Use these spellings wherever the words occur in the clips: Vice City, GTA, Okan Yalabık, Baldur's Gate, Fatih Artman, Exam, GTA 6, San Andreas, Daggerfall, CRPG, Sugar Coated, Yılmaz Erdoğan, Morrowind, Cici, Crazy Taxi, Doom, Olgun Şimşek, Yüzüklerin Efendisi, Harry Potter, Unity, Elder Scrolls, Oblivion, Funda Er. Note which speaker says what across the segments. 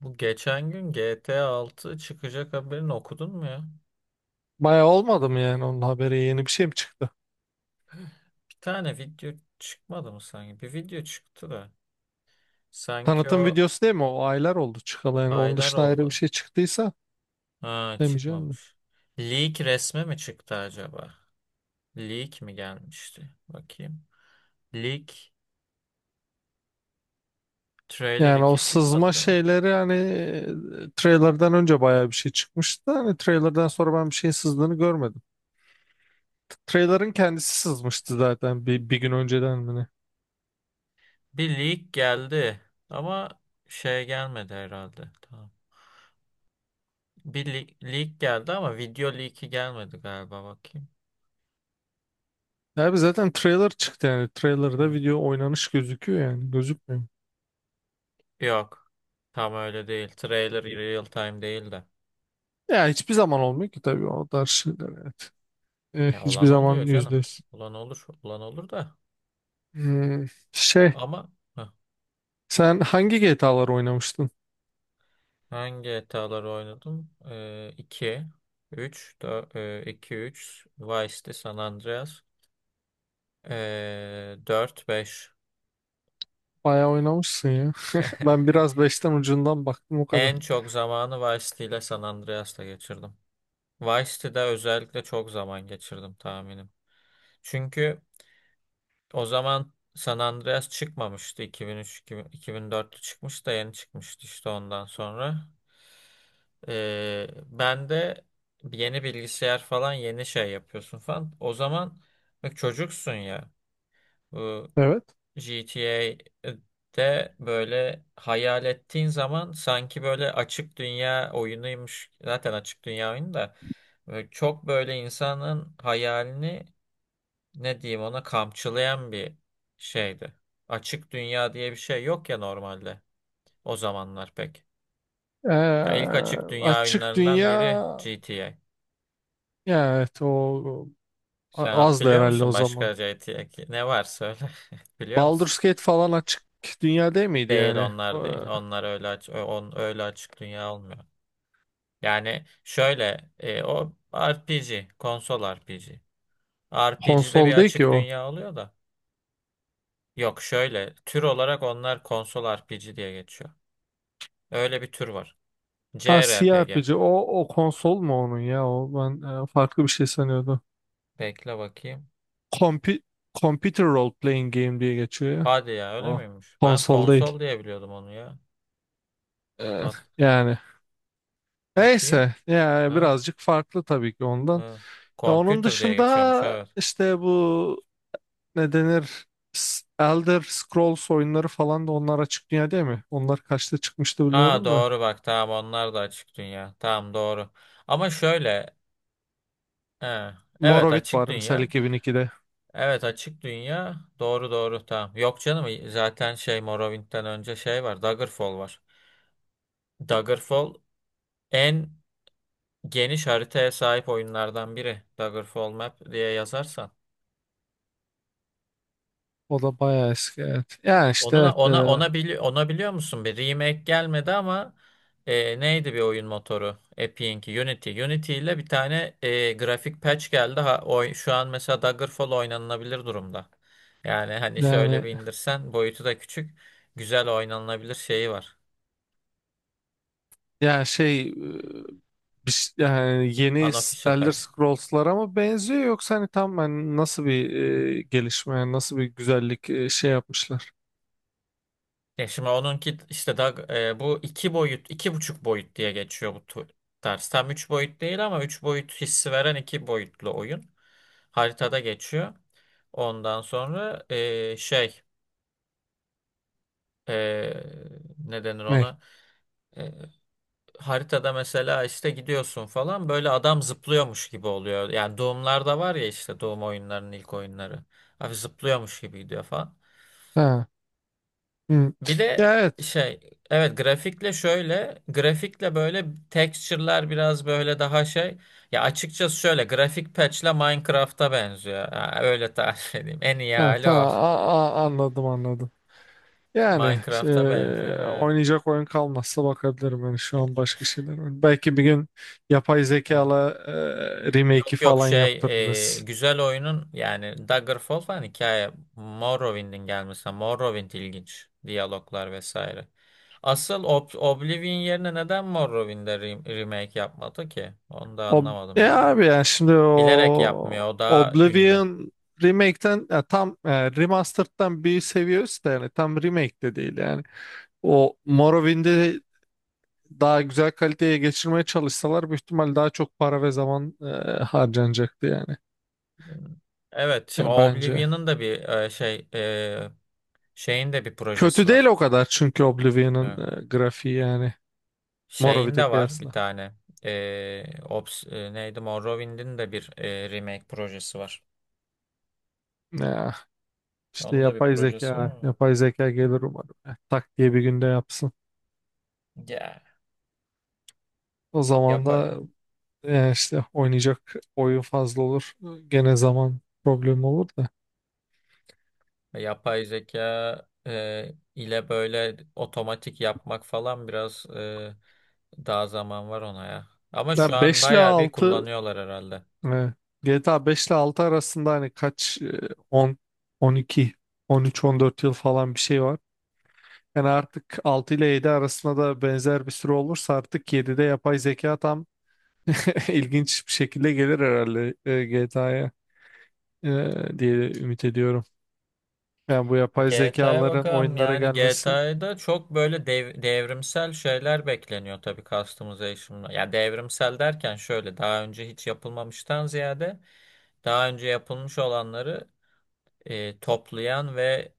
Speaker 1: Bu geçen gün GTA 6 çıkacak haberini okudun mu ya?
Speaker 2: Bayağı olmadı mı yani onun haberi yeni bir şey mi çıktı?
Speaker 1: Bir tane video çıkmadı mı sanki? Bir video çıktı da. Sanki
Speaker 2: Tanıtım
Speaker 1: o
Speaker 2: videosu değil mi? O aylar oldu çıkalı yani, onun
Speaker 1: aylar
Speaker 2: dışında ayrı bir
Speaker 1: oldu.
Speaker 2: şey çıktıysa
Speaker 1: Ha,
Speaker 2: demeyeceğim de.
Speaker 1: çıkmamış. Leak resmi mi çıktı acaba? Leak mi gelmişti? Bakayım. Leak trailer
Speaker 2: Yani o
Speaker 1: 2
Speaker 2: sızma
Speaker 1: çıkmadı değil mi?
Speaker 2: şeyleri hani trailer'dan önce bayağı bir şey çıkmıştı. Hani trailer'dan sonra ben bir şeyin sızdığını görmedim. Trailer'ın kendisi sızmıştı zaten bir gün önceden mi ne?
Speaker 1: Bir leak geldi ama şey gelmedi herhalde. Tamam. Bir leak geldi ama video leak'i gelmedi galiba, bakayım.
Speaker 2: Abi zaten trailer çıktı yani. Trailer'da video oynanış gözüküyor yani. Gözükmüyor.
Speaker 1: Yok. Tam öyle değil. Trailer real time değil de.
Speaker 2: Ya hiçbir zaman olmuyor ki tabii, o tarz şeyler, evet.
Speaker 1: Ya
Speaker 2: Hiçbir
Speaker 1: olan
Speaker 2: zaman
Speaker 1: oluyor
Speaker 2: yüzde
Speaker 1: canım.
Speaker 2: yüz.
Speaker 1: Olan olur. Olan olur da.
Speaker 2: Hmm. şey
Speaker 1: Ama
Speaker 2: Sen hangi GTA'lar oynamıştın?
Speaker 1: hangi GTA'ları oynadım? 2, 3, 2 3. Vice City, San Andreas, dört, 5.
Speaker 2: Bayağı oynamışsın ya. Ben biraz beşten ucundan baktım o kadar.
Speaker 1: En çok zamanı Vice City ile San Andreas'ta geçirdim. Vice City'de özellikle çok zaman geçirdim tahminim. Çünkü o zaman San Andreas çıkmamıştı. 2003, 2000 2004'te çıkmış da yeni çıkmıştı işte ondan sonra. Ben de yeni bilgisayar falan yeni şey yapıyorsun falan. O zaman bak, çocuksun ya. Bu
Speaker 2: Evet.
Speaker 1: GTA'de böyle hayal ettiğin zaman sanki böyle açık dünya oyunuymuş. Zaten açık dünya oyunu da. Böyle çok böyle insanın hayalini ne diyeyim ona, kamçılayan bir şeydi. Açık dünya diye bir şey yok ya normalde, o zamanlar pek. Ya
Speaker 2: Ee,
Speaker 1: ilk açık dünya
Speaker 2: açık
Speaker 1: oyunlarından
Speaker 2: dünya,
Speaker 1: biri GTA.
Speaker 2: ya evet o
Speaker 1: Sen at
Speaker 2: azdı
Speaker 1: biliyor
Speaker 2: herhalde o
Speaker 1: musun
Speaker 2: zaman.
Speaker 1: başka GTA ki? Ne var, söyle. Biliyor musun?
Speaker 2: Baldur's Gate falan açık dünya değil miydi
Speaker 1: Değil,
Speaker 2: yani?
Speaker 1: onlar değil. Onlar öyle öyle açık dünya olmuyor. Yani şöyle o RPG, konsol RPG. RPG'de bir
Speaker 2: Konsol değil ki
Speaker 1: açık
Speaker 2: o.
Speaker 1: dünya oluyor da. Yok, şöyle tür olarak onlar konsol RPG diye geçiyor. Öyle bir tür var.
Speaker 2: Ha,
Speaker 1: CRPG.
Speaker 2: CRPG o, o konsol mu onun ya, o ben farklı bir şey sanıyordum.
Speaker 1: Bekle bakayım.
Speaker 2: Compu- Computer Role Playing Game diye geçiyor ya.
Speaker 1: Hadi ya, öyle
Speaker 2: O
Speaker 1: miymiş? Ben
Speaker 2: konsol değil.
Speaker 1: konsol diye biliyordum onu ya.
Speaker 2: Ee,
Speaker 1: Bak
Speaker 2: yani
Speaker 1: bakayım.
Speaker 2: neyse yani
Speaker 1: Ha,
Speaker 2: birazcık farklı tabii ki ondan.
Speaker 1: ha.
Speaker 2: Ya onun
Speaker 1: Computer diye geçiyormuş,
Speaker 2: dışında
Speaker 1: evet.
Speaker 2: işte bu, ne denir, Elder Scrolls oyunları falan da, onlar açık dünya değil mi? Onlar kaçta çıkmıştı
Speaker 1: Aa,
Speaker 2: bilmiyorum da.
Speaker 1: doğru bak, tamam, onlar da açık dünya. Tamam, doğru. Ama şöyle, he, evet,
Speaker 2: Morrowind
Speaker 1: açık
Speaker 2: var mesela
Speaker 1: dünya.
Speaker 2: 2002'de.
Speaker 1: Evet, açık dünya. Doğru, doğru, tamam. Yok canım, zaten şey, Morrowind'den önce şey var. Daggerfall var. Daggerfall en geniş haritaya sahip oyunlardan biri. Daggerfall Map diye yazarsan.
Speaker 2: O da bayağı eski, evet. Yani işte
Speaker 1: Onuna
Speaker 2: evet,
Speaker 1: ona
Speaker 2: e,
Speaker 1: ona bili ona biliyor musun? Bir remake gelmedi ama neydi bir oyun motoru? Epic'inki Unity. Unity ile bir tane grafik patch geldi. Şu an mesela Daggerfall oynanılabilir durumda. Yani hani şöyle
Speaker 2: yani
Speaker 1: bir indirsen boyutu da küçük. Güzel oynanılabilir şeyi var.
Speaker 2: yani şey e, bir ş- yani yeni
Speaker 1: Unofficial
Speaker 2: Elder
Speaker 1: patch.
Speaker 2: Scrolls'lara mı benziyor, yoksa hani tam hani nasıl bir gelişme, yani nasıl bir güzellik şey yapmışlar?
Speaker 1: Şimdi onunki işte daha bu iki boyut, iki buçuk boyut diye geçiyor bu ders. Tam üç boyut değil ama üç boyut hissi veren iki boyutlu oyun. Haritada geçiyor. Ondan sonra e, ne denir
Speaker 2: Ne?
Speaker 1: ona? E, haritada mesela işte gidiyorsun falan, böyle adam zıplıyormuş gibi oluyor. Yani Doom'larda var ya işte, Doom oyunlarının ilk oyunları. Abi zıplıyormuş gibi gidiyor falan.
Speaker 2: Hı.
Speaker 1: Bir de
Speaker 2: Ya, evet.
Speaker 1: şey evet, grafikle şöyle grafikle böyle texture'lar biraz böyle daha şey, ya açıkçası şöyle grafik patch'le Minecraft'a benziyor. Ha, öyle tarif edeyim. En iyi
Speaker 2: Ha,
Speaker 1: hali
Speaker 2: tamam,
Speaker 1: o.
Speaker 2: Anladım anladım. Yani e,
Speaker 1: Minecraft'a benzer, evet.
Speaker 2: oynayacak oyun kalmazsa bakabilirim yani, şu an başka şeyler var. Belki bir gün yapay
Speaker 1: Evet.
Speaker 2: zekala remake'i
Speaker 1: Yok yok,
Speaker 2: falan yaptırırız.
Speaker 1: güzel oyunun yani, Daggerfall falan, hikaye Morrowind'in gelmesi. Morrowind ilginç. Diyaloglar vesaire. Asıl Oblivion yerine neden Morrowind'e remake yapmadı ki? Onu da
Speaker 2: Ob
Speaker 1: anlamadım
Speaker 2: ya
Speaker 1: yani.
Speaker 2: abi yani, şimdi
Speaker 1: Bilerek
Speaker 2: o
Speaker 1: yapmıyor. O daha ünlü.
Speaker 2: Oblivion remake'ten, ya tam remastered'dan bir seviye üstte yani, tam remake de değil yani. O Morrowind'i daha güzel kaliteye geçirmeye çalışsalar büyük ihtimal daha çok para ve zaman harcanacaktı yani.
Speaker 1: Evet. Şimdi
Speaker 2: Yani bence.
Speaker 1: Oblivion'ın da bir şeyin de bir projesi
Speaker 2: Kötü değil
Speaker 1: var.
Speaker 2: o kadar çünkü Oblivion'ın
Speaker 1: Evet.
Speaker 2: grafiği yani,
Speaker 1: Şeyin
Speaker 2: Morrowind'e
Speaker 1: de var bir
Speaker 2: kıyasla.
Speaker 1: tane. E, neydi? Morrowind'in de bir remake projesi var.
Speaker 2: Ya, işte
Speaker 1: Onun da bir
Speaker 2: yapay
Speaker 1: projesi var
Speaker 2: zeka,
Speaker 1: ama.
Speaker 2: yapay zeka gelir umarım. Ya, tak diye bir günde yapsın.
Speaker 1: Ya.
Speaker 2: O zaman
Speaker 1: Yapay,
Speaker 2: da işte oynayacak oyun fazla olur. Gene zaman problemi olur da.
Speaker 1: yapay zeka ile böyle otomatik yapmak falan, biraz daha zaman var ona ya. Ama şu
Speaker 2: Ya
Speaker 1: an
Speaker 2: 5 ile
Speaker 1: bayağı bir
Speaker 2: 6.
Speaker 1: kullanıyorlar herhalde.
Speaker 2: Evet. GTA 5 ile 6 arasında hani kaç, 10 12, 13 14 yıl falan bir şey var. Yani artık 6 ile 7 arasında da benzer bir süre olursa, artık 7'de yapay zeka tam ilginç bir şekilde gelir herhalde GTA'ya diye ümit ediyorum. Yani bu yapay
Speaker 1: GTA'ya
Speaker 2: zekaların
Speaker 1: bakalım.
Speaker 2: oyunlara
Speaker 1: Yani
Speaker 2: gelmesi.
Speaker 1: GTA'da çok böyle devrimsel şeyler bekleniyor tabii, customization'la. Ya devrimsel derken şöyle, daha önce hiç yapılmamıştan ziyade daha önce yapılmış olanları toplayan ve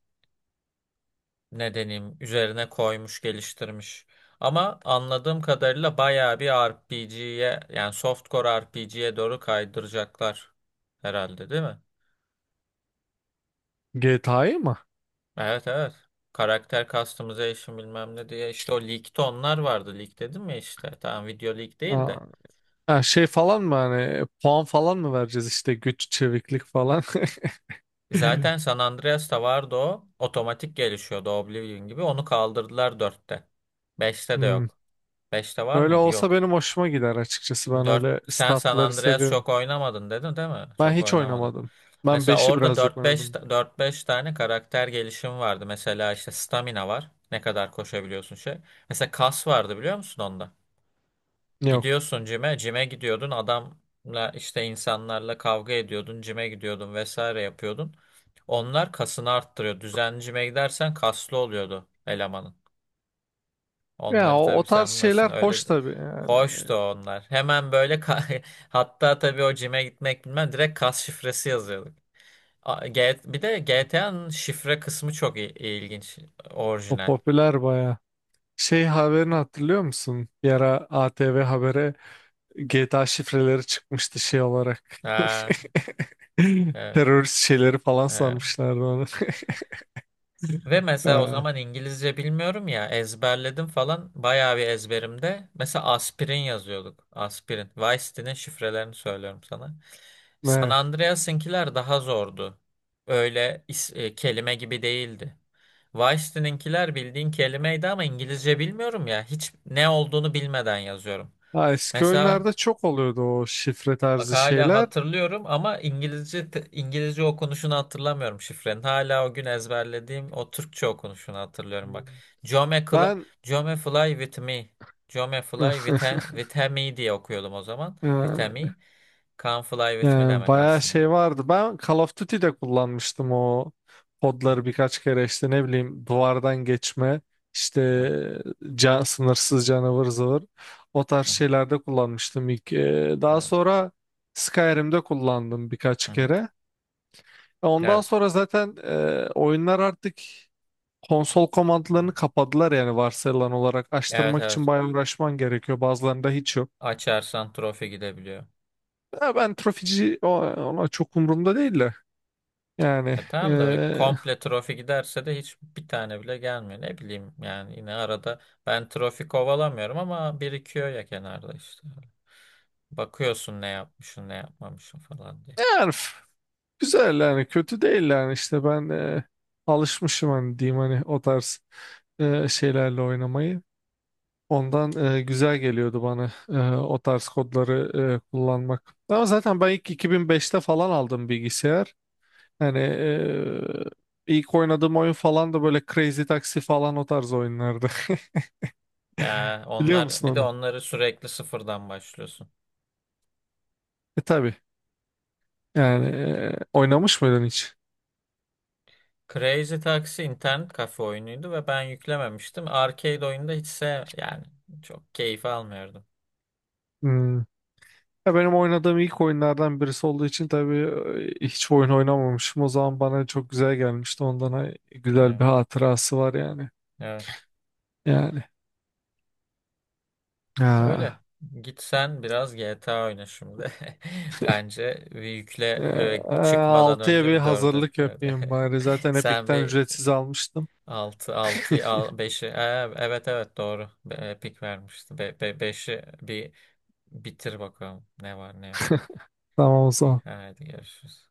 Speaker 1: ne deneyim üzerine koymuş, geliştirmiş. Ama anladığım kadarıyla bayağı bir RPG'ye, yani softcore RPG'ye doğru kaydıracaklar herhalde, değil mi?
Speaker 2: GTA'yı mı?
Speaker 1: Evet, evet. Karakter customization bilmem ne diye, işte o leak'te onlar vardı. Leak dedim ya işte. Tamam, video leak değil
Speaker 2: Aa,
Speaker 1: de.
Speaker 2: ha, şey falan mı, hani puan falan mı vereceğiz işte, güç, çeviklik falan?
Speaker 1: Zaten San Andreas'ta vardı o. Otomatik gelişiyordu Oblivion gibi. Onu kaldırdılar dörtte, beşte de
Speaker 2: Hmm.
Speaker 1: yok. Beşte var
Speaker 2: Öyle
Speaker 1: mıydı?
Speaker 2: olsa
Speaker 1: Yok.
Speaker 2: benim hoşuma gider açıkçası. Ben
Speaker 1: Dört,
Speaker 2: öyle
Speaker 1: sen San
Speaker 2: statları
Speaker 1: Andreas
Speaker 2: seviyorum.
Speaker 1: çok oynamadın dedin değil mi?
Speaker 2: Ben
Speaker 1: Çok
Speaker 2: hiç
Speaker 1: oynamadın.
Speaker 2: oynamadım. Ben
Speaker 1: Mesela
Speaker 2: 5'i
Speaker 1: orada
Speaker 2: birazcık oynadım.
Speaker 1: 4-5 tane karakter gelişimi vardı. Mesela işte stamina var. Ne kadar koşabiliyorsun şey. Mesela kas vardı, biliyor musun onda?
Speaker 2: Yok.
Speaker 1: Gidiyorsun cime, cime gidiyordun, adamla işte insanlarla kavga ediyordun, cime gidiyordun vesaire yapıyordun. Onlar kasını arttırıyor. Düzenli cime gidersen kaslı oluyordu elemanın.
Speaker 2: Ya
Speaker 1: Onları
Speaker 2: o,
Speaker 1: tabii
Speaker 2: o
Speaker 1: sen
Speaker 2: tarz
Speaker 1: bilmiyorsun.
Speaker 2: şeyler hoş
Speaker 1: Öyle de-
Speaker 2: tabii yani.
Speaker 1: hoştu onlar. Hemen böyle hatta tabii o cime gitmek bilmem, direkt kas şifresi yazıyorduk. Bir de GTA'nın şifre kısmı çok ilginç,
Speaker 2: O
Speaker 1: orijinal.
Speaker 2: popüler baya. Şey haberini hatırlıyor musun? Bir ara ATV Haber'e GTA şifreleri çıkmıştı şey olarak.
Speaker 1: Ha, evet,
Speaker 2: Terörist şeyleri falan
Speaker 1: evet.
Speaker 2: sanmışlardı onu.
Speaker 1: Ve mesela o
Speaker 2: Ha,
Speaker 1: zaman İngilizce bilmiyorum ya, ezberledim falan, bayağı bir ezberimde. Mesela aspirin yazıyorduk. Aspirin. Vice City'nin şifrelerini söylüyorum sana. San
Speaker 2: evet.
Speaker 1: Andreas'ınkiler daha zordu. Öyle kelime gibi değildi. Vice City'ninkiler bildiğin kelimeydi ama İngilizce bilmiyorum ya. Hiç ne olduğunu bilmeden yazıyorum.
Speaker 2: Ha, eski
Speaker 1: Mesela
Speaker 2: oyunlarda çok oluyordu o şifre
Speaker 1: bak,
Speaker 2: tarzı
Speaker 1: hala
Speaker 2: şeyler.
Speaker 1: hatırlıyorum ama İngilizce İngilizce okunuşunu hatırlamıyorum şifrenin. Hala o gün ezberlediğim o Türkçe okunuşunu hatırlıyorum bak. Jome,
Speaker 2: Ben
Speaker 1: Jome fly with me. Jome fly with, with he me diye okuyordum o zaman. With he
Speaker 2: Ha,
Speaker 1: me. Come fly with me
Speaker 2: yani
Speaker 1: demek
Speaker 2: bayağı
Speaker 1: aslında.
Speaker 2: şey vardı. Ben Call of Duty'de kullanmıştım o kodları birkaç kere, işte ne bileyim duvardan geçme,
Speaker 1: Evet.
Speaker 2: işte can, sınırsız canavar zıvır, o tarz
Speaker 1: Hı hı.
Speaker 2: şeylerde kullanmıştım ilk. Daha
Speaker 1: Evet.
Speaker 2: sonra Skyrim'de kullandım
Speaker 1: Hı
Speaker 2: birkaç
Speaker 1: hı.
Speaker 2: kere. Ondan
Speaker 1: Evet.
Speaker 2: sonra zaten oyunlar artık konsol
Speaker 1: Hı hı.
Speaker 2: komandlarını kapadılar yani, varsayılan olarak
Speaker 1: Evet,
Speaker 2: açtırmak için
Speaker 1: evet.
Speaker 2: bayağı uğraşman gerekiyor. Bazılarında hiç yok.
Speaker 1: Açarsan trofi gidebiliyor.
Speaker 2: Ya ben trofici ona çok umurumda değil de. Yani
Speaker 1: Tamam da bir komple trofi giderse de hiç bir tane bile gelmiyor. Ne bileyim yani, yine arada ben trofi kovalamıyorum ama birikiyor ya kenarda işte. Bakıyorsun ne yapmışsın, ne yapmamışsın falan diye.
Speaker 2: yani f- güzel yani kötü değil yani işte ben alışmışım hani diyeyim hani o tarz şeylerle oynamayı. Ondan güzel geliyordu bana o tarz kodları kullanmak. Ama zaten ben ilk 2005'te falan aldım bilgisayar. Yani ilk oynadığım oyun falan da böyle Crazy Taxi falan o tarz oyunlardı.
Speaker 1: Ya
Speaker 2: Biliyor
Speaker 1: onlar
Speaker 2: musun
Speaker 1: bir de,
Speaker 2: onu?
Speaker 1: onları sürekli sıfırdan başlıyorsun.
Speaker 2: E, tabii. Yani oynamış mıydın hiç?
Speaker 1: Crazy Taxi internet kafe oyunuydu ve ben yüklememiştim. Arcade oyunda hiç yani çok keyif almıyordum.
Speaker 2: Hmm. Ya benim oynadığım ilk oyunlardan birisi olduğu için tabii hiç oyun oynamamışım. O zaman bana çok güzel gelmişti. Ondan güzel
Speaker 1: Evet.
Speaker 2: bir hatırası var yani.
Speaker 1: Evet.
Speaker 2: Yani. Ha.
Speaker 1: Öyle. Git sen biraz GTA oyna şimdi. Bence
Speaker 2: E,
Speaker 1: yükle
Speaker 2: e,
Speaker 1: çıkmadan
Speaker 2: 6'ya
Speaker 1: önce
Speaker 2: bir
Speaker 1: bir dördü.
Speaker 2: hazırlık
Speaker 1: Öyle.
Speaker 2: yapayım bari. Zaten
Speaker 1: Sen
Speaker 2: Epic'ten
Speaker 1: bir
Speaker 2: ücretsiz almıştım.
Speaker 1: 6 6'yı al, 5'i. Evet, evet, doğru. Pik vermişti. Beşi bir bitir bakalım. Ne var ne yok.
Speaker 2: Tamam o
Speaker 1: İyi,
Speaker 2: zaman.
Speaker 1: hadi görüşürüz.